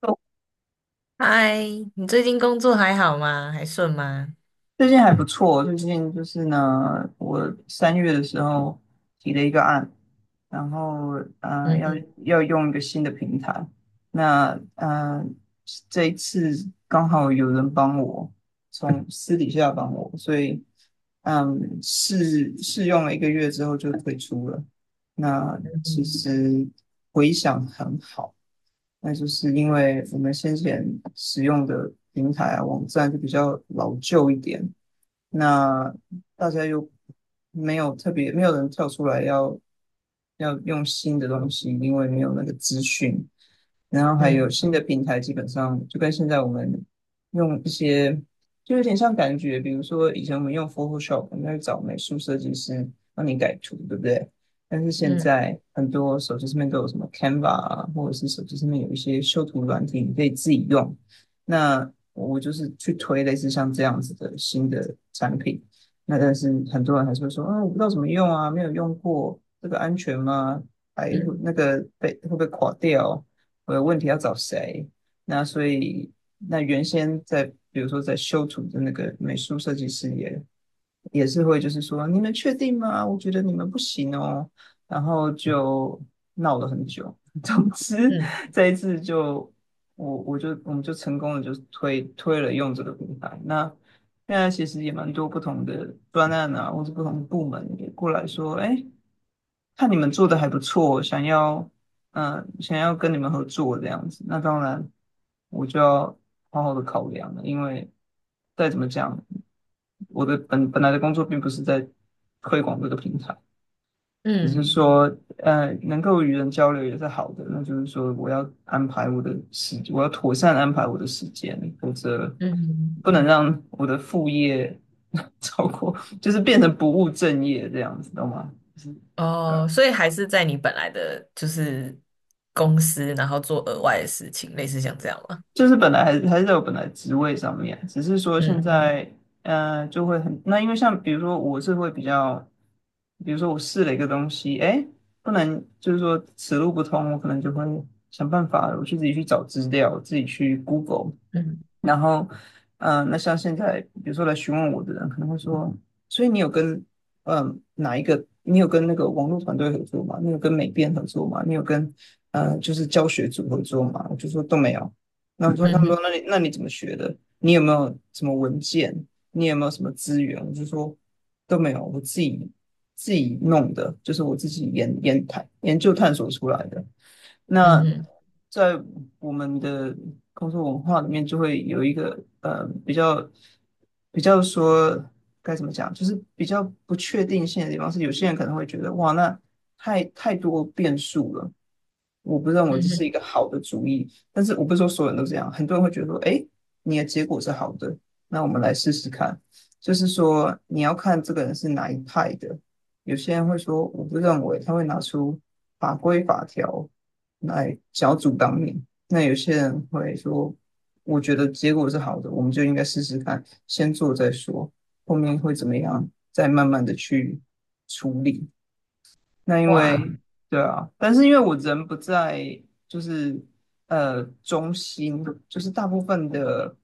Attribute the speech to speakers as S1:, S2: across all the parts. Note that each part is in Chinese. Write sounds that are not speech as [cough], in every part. S1: 哦，
S2: 嗨，你最近工作还好吗？还顺吗？
S1: 最近还不错，最近就是呢，我三月的时候提了一个案，然后呃要
S2: 嗯
S1: 要用一个新的平台，那这一次刚好有人帮我，从私底下帮我，所以试试用了一个月之后就退出了。那其
S2: 嗯
S1: 实回想很好，那就是因为我们先前使用的平台啊网站就比较老旧一点。那大家又没有特别，没有人跳出来要用新的东西，因为没有那个资讯，然后
S2: 嗯
S1: 还有
S2: 嗯
S1: 新的平台，基本上就跟现在我们用一些，就有点像感觉，比如说以前我们用 Photoshop,我们要找美术设计师帮你改图，对不对？但是现
S2: 嗯
S1: 在很多手机上面都有什么 Canva 啊，或者是手机上面有一些修图软体，你可以自己用。那我就是去推类似像这样子的新的产品。那但是很多人还是会说，啊，我不知道怎么用啊，没有用过，这个安全吗？还
S2: 嗯
S1: 那个被会不会垮掉？我有问题要找谁？那所以，那原先在比如说在修图的那个美术设计师也也是会就是说你们确定吗？我觉得你们不行哦，然后就闹了很久。[laughs] 总之
S2: 嗯
S1: 这一次就我们就成功的就推了用这个平台。那现在其实也蛮多不同的专案啊，或是不同的部门也过来说，哎。看你们做的还不错，想要想要跟你们合作这样子，那当然我就要好好的考量了，因为再怎么讲，我的本来的工作并不是在推广这个平台，只是
S2: 嗯
S1: 说能够与人交流也是好的，那就是说我要妥善安排我的时间，否则
S2: 嗯。
S1: 不能让我的副业 [laughs] 超过，就是变成不务正业这样子，懂吗？就是。
S2: 哦，所以还是在你本来的就是公司，然后做额外的事情，类似像这样吗？
S1: 就是本来还是在我本来职位上面，只是说现
S2: 嗯
S1: 在，就会很，那因为像比如说我是会比较，比如说我试了一个东西，哎，不能就是说此路不通，我可能就会想办法，我去自己去找资料，自己去 Google,
S2: 嗯
S1: 然后，那像现在，比如说来询问我的人，可能会说，所以你有跟，哪一个？你有跟那个网络团队合作吗？你有跟美编合作吗？你有跟，就是教学组合作吗？我就说都没有。那我说，他
S2: 嗯
S1: 们
S2: 哼
S1: 说，那你怎么学的？你有没有什么文件？你有没有什么资源？我就说都没有，我自己弄的，就是我自己研究探索出来的。
S2: 嗯
S1: 那
S2: 哼
S1: 在我们的工作文化里面，就会有一个比较该怎么讲，就是比较不确定性的地方是，有些人可能会觉得哇，那太多变数了。我不认为
S2: 嗯
S1: 这
S2: 哼，
S1: 是一个好的主意，但是我不是说所有人都这样，很多人会觉得说，哎，你的结果是好的，那我们来试试看。就是说，你要看这个人是哪一派的。有些人会说，我不认为他会拿出法规法条来小组阻挡你，那有些人会说，我觉得结果是好的，我们就应该试试看，先做再说，后面会怎么样，再慢慢的去处理。那因为
S2: 哇，
S1: 对啊，但是因为我人不在，就是中心，就是大部分的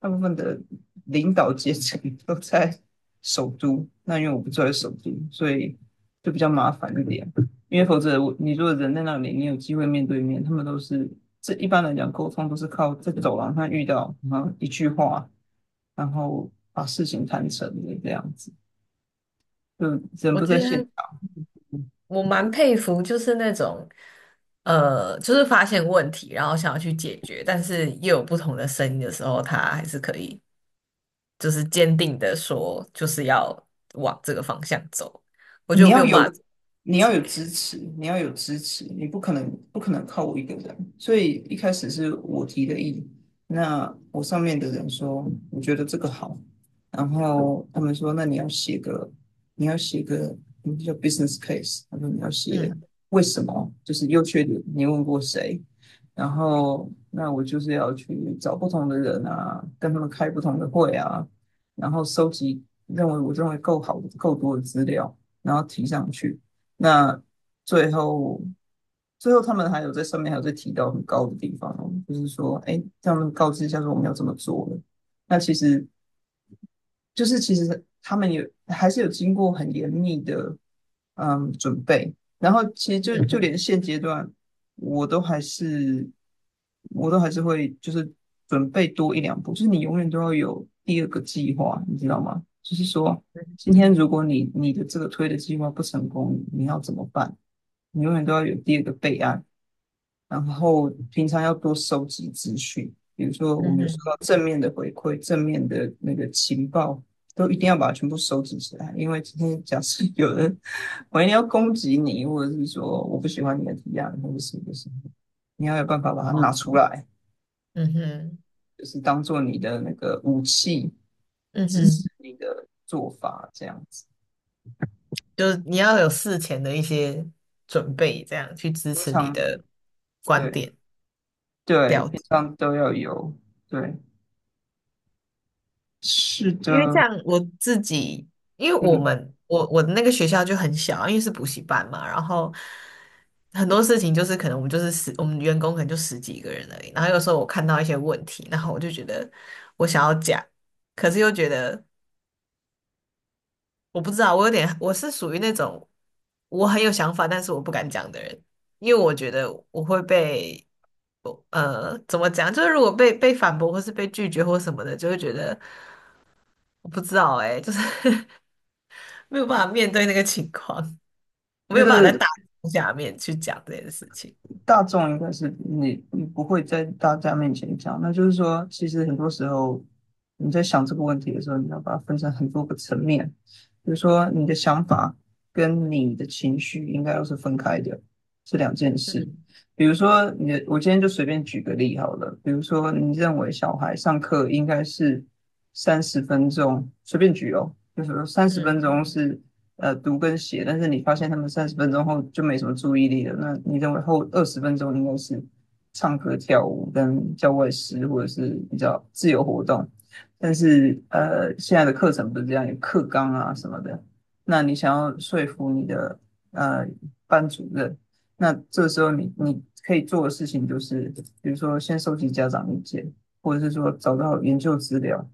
S1: 大部分的领导阶层 [laughs] 都在首都。那因为我不住在首都，所以就比较麻烦一点。因为否则你如果人在那里，你有机会面对面，他们都是这一般来讲沟通都是靠在走廊上遇到，然后一句话，然后把事情谈成的这样子，就人
S2: 我
S1: 不在
S2: 觉
S1: 现。
S2: 得我蛮佩服，就是那种就是发现问题，然后想要去解决，但是又有不同的声音的时候，他还是可以。就是坚定的说，就是要往这个方向走。我觉
S1: 你
S2: 得我没
S1: 要
S2: 有办
S1: 有，
S2: 法做
S1: 你要有
S2: 起，
S1: 支持，你要有支持，你不可能靠我一个人。所以一开始是我提的议，那我上面的人说，我觉得这个好，然后他们说，那你要写个,叫 business case,他说你要写
S2: 嗯
S1: 为什么，就是优缺点，你问过谁？然后那我就是要去找不同的人啊，跟他们开不同的会啊，然后收集认为我认为够好够多的资料。然后提上去。那最后，最后他们还有在上面还有在提到很高的地方哦，就是说，哎，让他们告知一下说我们要怎么做了。那其实就是其实他们还是有经过很严密的准备，然后其实就就
S2: 嗯
S1: 连现阶段我都还是我都还是会就是准备多一两步，就是你永远都要有第二个计划，你知道吗？就是说今
S2: 嗯
S1: 天如果你的这个推的计划不成功，你要怎么办？你永远都要有第二个备案，然后平常要多收集资讯，比如说我
S2: 嗯
S1: 们有
S2: 哼，
S1: 面的那个情报都一定要把它全部收集起来，因为今天假设有人我一定要攻击你，或者是说我不喜欢你的提案，或者是不是，你要有办法把它拿
S2: 哦，
S1: 出来，
S2: 嗯哼
S1: 就是当做你的那个武器，
S2: 嗯
S1: 支持
S2: 哼，
S1: 你的做法这样子。
S2: 就是你要有事前的一些准备，这样去支
S1: 平
S2: 持你
S1: 常
S2: 的观
S1: 对
S2: 点。
S1: 对，
S2: 了
S1: 平
S2: 解。
S1: 常都要有，对，是
S2: 因为
S1: 的，
S2: 像我自己，因为我
S1: 嗯，
S2: 们我我的那个学校就很小，因为是补习班嘛，然后很多事情就是可能我们就是十，我们员工可能就十几个人而已。然后有时候我看到一些问题，然后我就觉得我想要讲，可是又觉得我不知道，我有点我是属于那种我很有想法，但是我不敢讲的人，因为我觉得我会被。呃，怎么讲？就是如果被反驳，或是被拒绝，或什么的，就会觉得我不知道哎、就是 [laughs] 没有办法面对那个情况，没
S1: 觉
S2: 有办法在
S1: 得
S2: 大众下面去讲这件事情。
S1: 大众应该是你不会在大家面前讲，那就是说，其实很多时候你在想这个问题的时候，你要把它分成很多个层面，比如说你的想法跟你的情绪应该都是分开的，是两件事。
S2: 嗯
S1: 比如说你的，我今天就随便举个例好了，比如说你认为小孩上课应该是三十分钟，随便举哦，就是说三十分
S2: 嗯
S1: 钟是读跟写，但是你发现他们三十分钟后就没什么注意力了，那你认为后20分钟应该是唱歌、跳舞跟教外师或者是比较自由活动，但是现在的课程不是这样，有课纲啊什么的，那你想要说服你的呃班主任，那这时候你可以做的事情就是，比如说先收集家长意见，或者是说找到研究资料。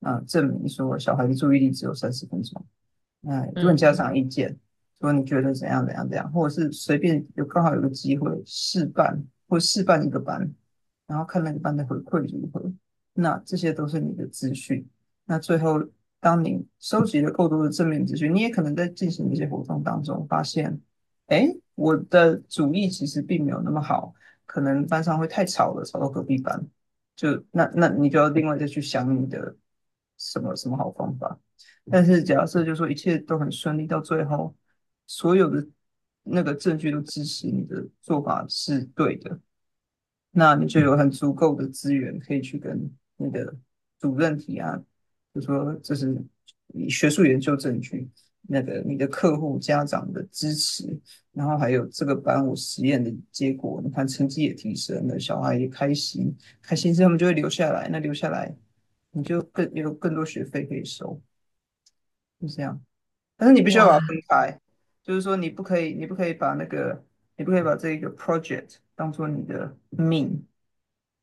S1: 证明说小孩的注意力只有三十分钟，哎，问
S2: 嗯，
S1: 家长意见，说你觉得怎样怎样怎样，或者是随便有刚好有个机会试办一个班，然后看那个班的回馈如何。那这些都是你的资讯。那最后，当你收集了够多的正面资讯，你也可能在进行一些活动当中发现，哎，我的主意其实并没有那么好，可能班上会太吵了，吵到隔壁班。那你就要另外再去想你的什么什么好方法。但是假设就说一切都很顺利，到最后所有的那个证据都支持你的做法是对的，那你就有很足够的资源可以去跟你的主任提案，就说这是你学术研究证据，那个你的客户、家长的支持，然后还有这个班我实验的结果，你看成绩也提升了，小孩也开心，开心之后他们就会留下来，那留下来你就更有更多学费可以收，就这样。但是你必须要把它
S2: 哇，
S1: 分开，就是说你不可以把这个 project 当做你的命，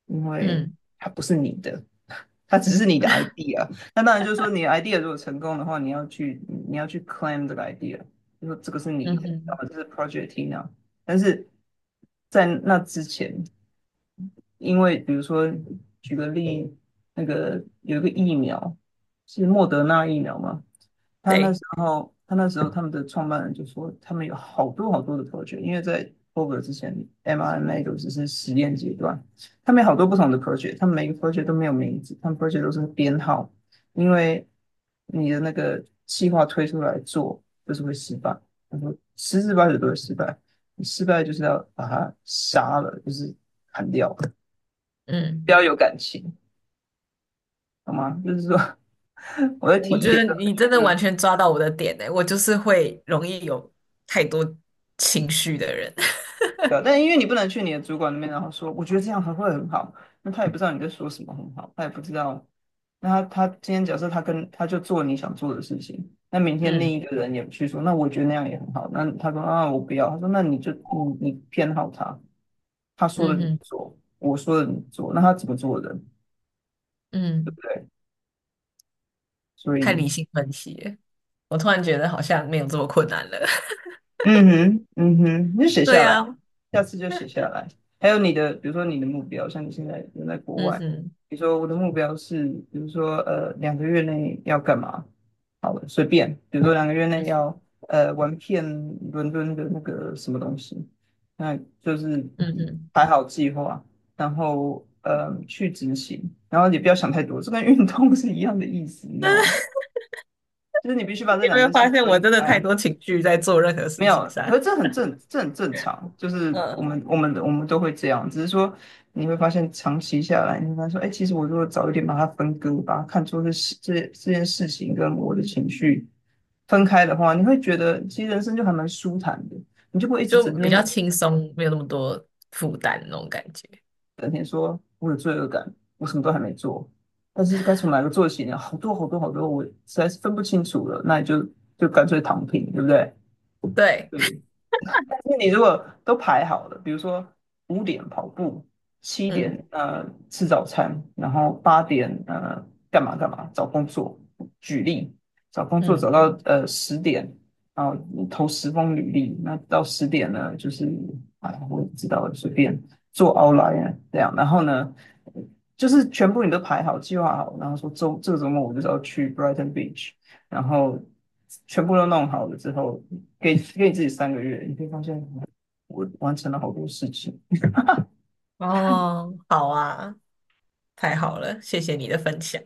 S1: 因为
S2: 嗯
S1: 它不是你的，[laughs] 它只是你的 idea。那当然就是说，你的 idea 如果成功的话，你要去 claim 这个 idea，就说这个是你
S2: 嗯哼，
S1: 的，然
S2: 嗯
S1: 后这是 Project Tina。但是在那之前，因为比如说举个例，那个有一个疫苗是莫德纳疫苗嘛，他那时
S2: 对，
S1: 候他那时候他们的创办人就说，他们有好多好多的 project，因为在 COVID 之前，mRNA 都只是实验阶段。他们有好多不同的 project，他们每个 project 都没有名字，他们 project 都是编号，因为你的那个计划推出来做就是会失败，他说十之八九都会失败，你失败就是要把它杀了，就是砍掉，不
S2: 嗯，
S1: 要有感情，好吗？就是说 [laughs] 我在
S2: 我
S1: 提议
S2: 觉
S1: 的
S2: 得
S1: 时
S2: 你真
S1: 候，
S2: 的完
S1: 嗯
S2: 全抓到我的点呢，我就是会容易有太多情绪的人。[laughs]
S1: 对啊，但因为你不能去你的主管那边，然后说我觉得这样还会很好，那他也不知道你在说什么很好，他也不知道。那他今天假设他跟他就做你想做的事情，那明天另
S2: 嗯
S1: 一个人也去说，那我觉得那样也很好。那他说啊，我不要。他说那你就你偏好他，他说的
S2: 嗯
S1: 你
S2: 哼
S1: 做，我说的你做，那他怎么做的？
S2: 嗯，
S1: 对，所
S2: 太
S1: 以
S2: 理性分析了，我突然觉得好像没有这么困难了。
S1: 嗯哼嗯哼，你就写
S2: [laughs] 对
S1: 下来。
S2: 呀、啊
S1: 下次就写下来。还有你的，比如说你的目标，像你现在人在国
S2: 嗯
S1: 外，
S2: 哼
S1: 比如说我的目标是，比如说两个月内要干嘛？好了，随便，比如说两个月内
S2: 嗯
S1: 要玩遍伦敦的那个什么东西，那就是
S2: 嗯哼，
S1: 排好计划，然后去执行，然后你不要想太多，这跟运动 [laughs] 是一样的意思，你知道吗？
S2: [laughs]
S1: 就是你必须把这
S2: 你有
S1: 两
S2: 没有
S1: 件事
S2: 发现我
S1: 分
S2: 真的太
S1: 开，
S2: 多情绪在做任何
S1: 没
S2: 事情
S1: 有，
S2: 上？
S1: 可是这很正常，就是我
S2: 嗯。
S1: 们我们我们都会这样，只是说你会发现长期下来，你会发现说，哎，其实我如果早一点把它分割，把它看作是这件事情跟我的情绪分开的话，你会觉得其实人生就还蛮舒坦的，你就不会一直
S2: 就
S1: 整
S2: 比
S1: 天
S2: 较轻松，没有那么多负担那种感觉。
S1: 整天说我有罪恶感，我什么都还没做，但是该从哪个做起呢？好多好多好多，我实在是分不清楚了，那你就干脆躺平，对不对？
S2: 对，
S1: 对，那你如果都排好了，比如说5点跑步，7点
S2: 嗯
S1: 吃早餐，然后8点干嘛干嘛找工作，举例找工作
S2: 嗯，
S1: 找到十点，然后投10封履历，那到十点呢就是哎我也不知道了随便做 outline 啊这样，然后呢就是全部你都排好计划好，然后说这个周末我就是要去 Brighton Beach，然后全部都弄好了之后，给你自己3个月，你会发现我完成了好多事情。
S2: 哦，好啊，太好了，谢谢你的分享。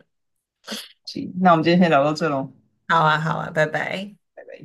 S1: 行那我们今天先聊到这喽。
S2: 好啊，好啊，拜拜。
S1: 拜拜。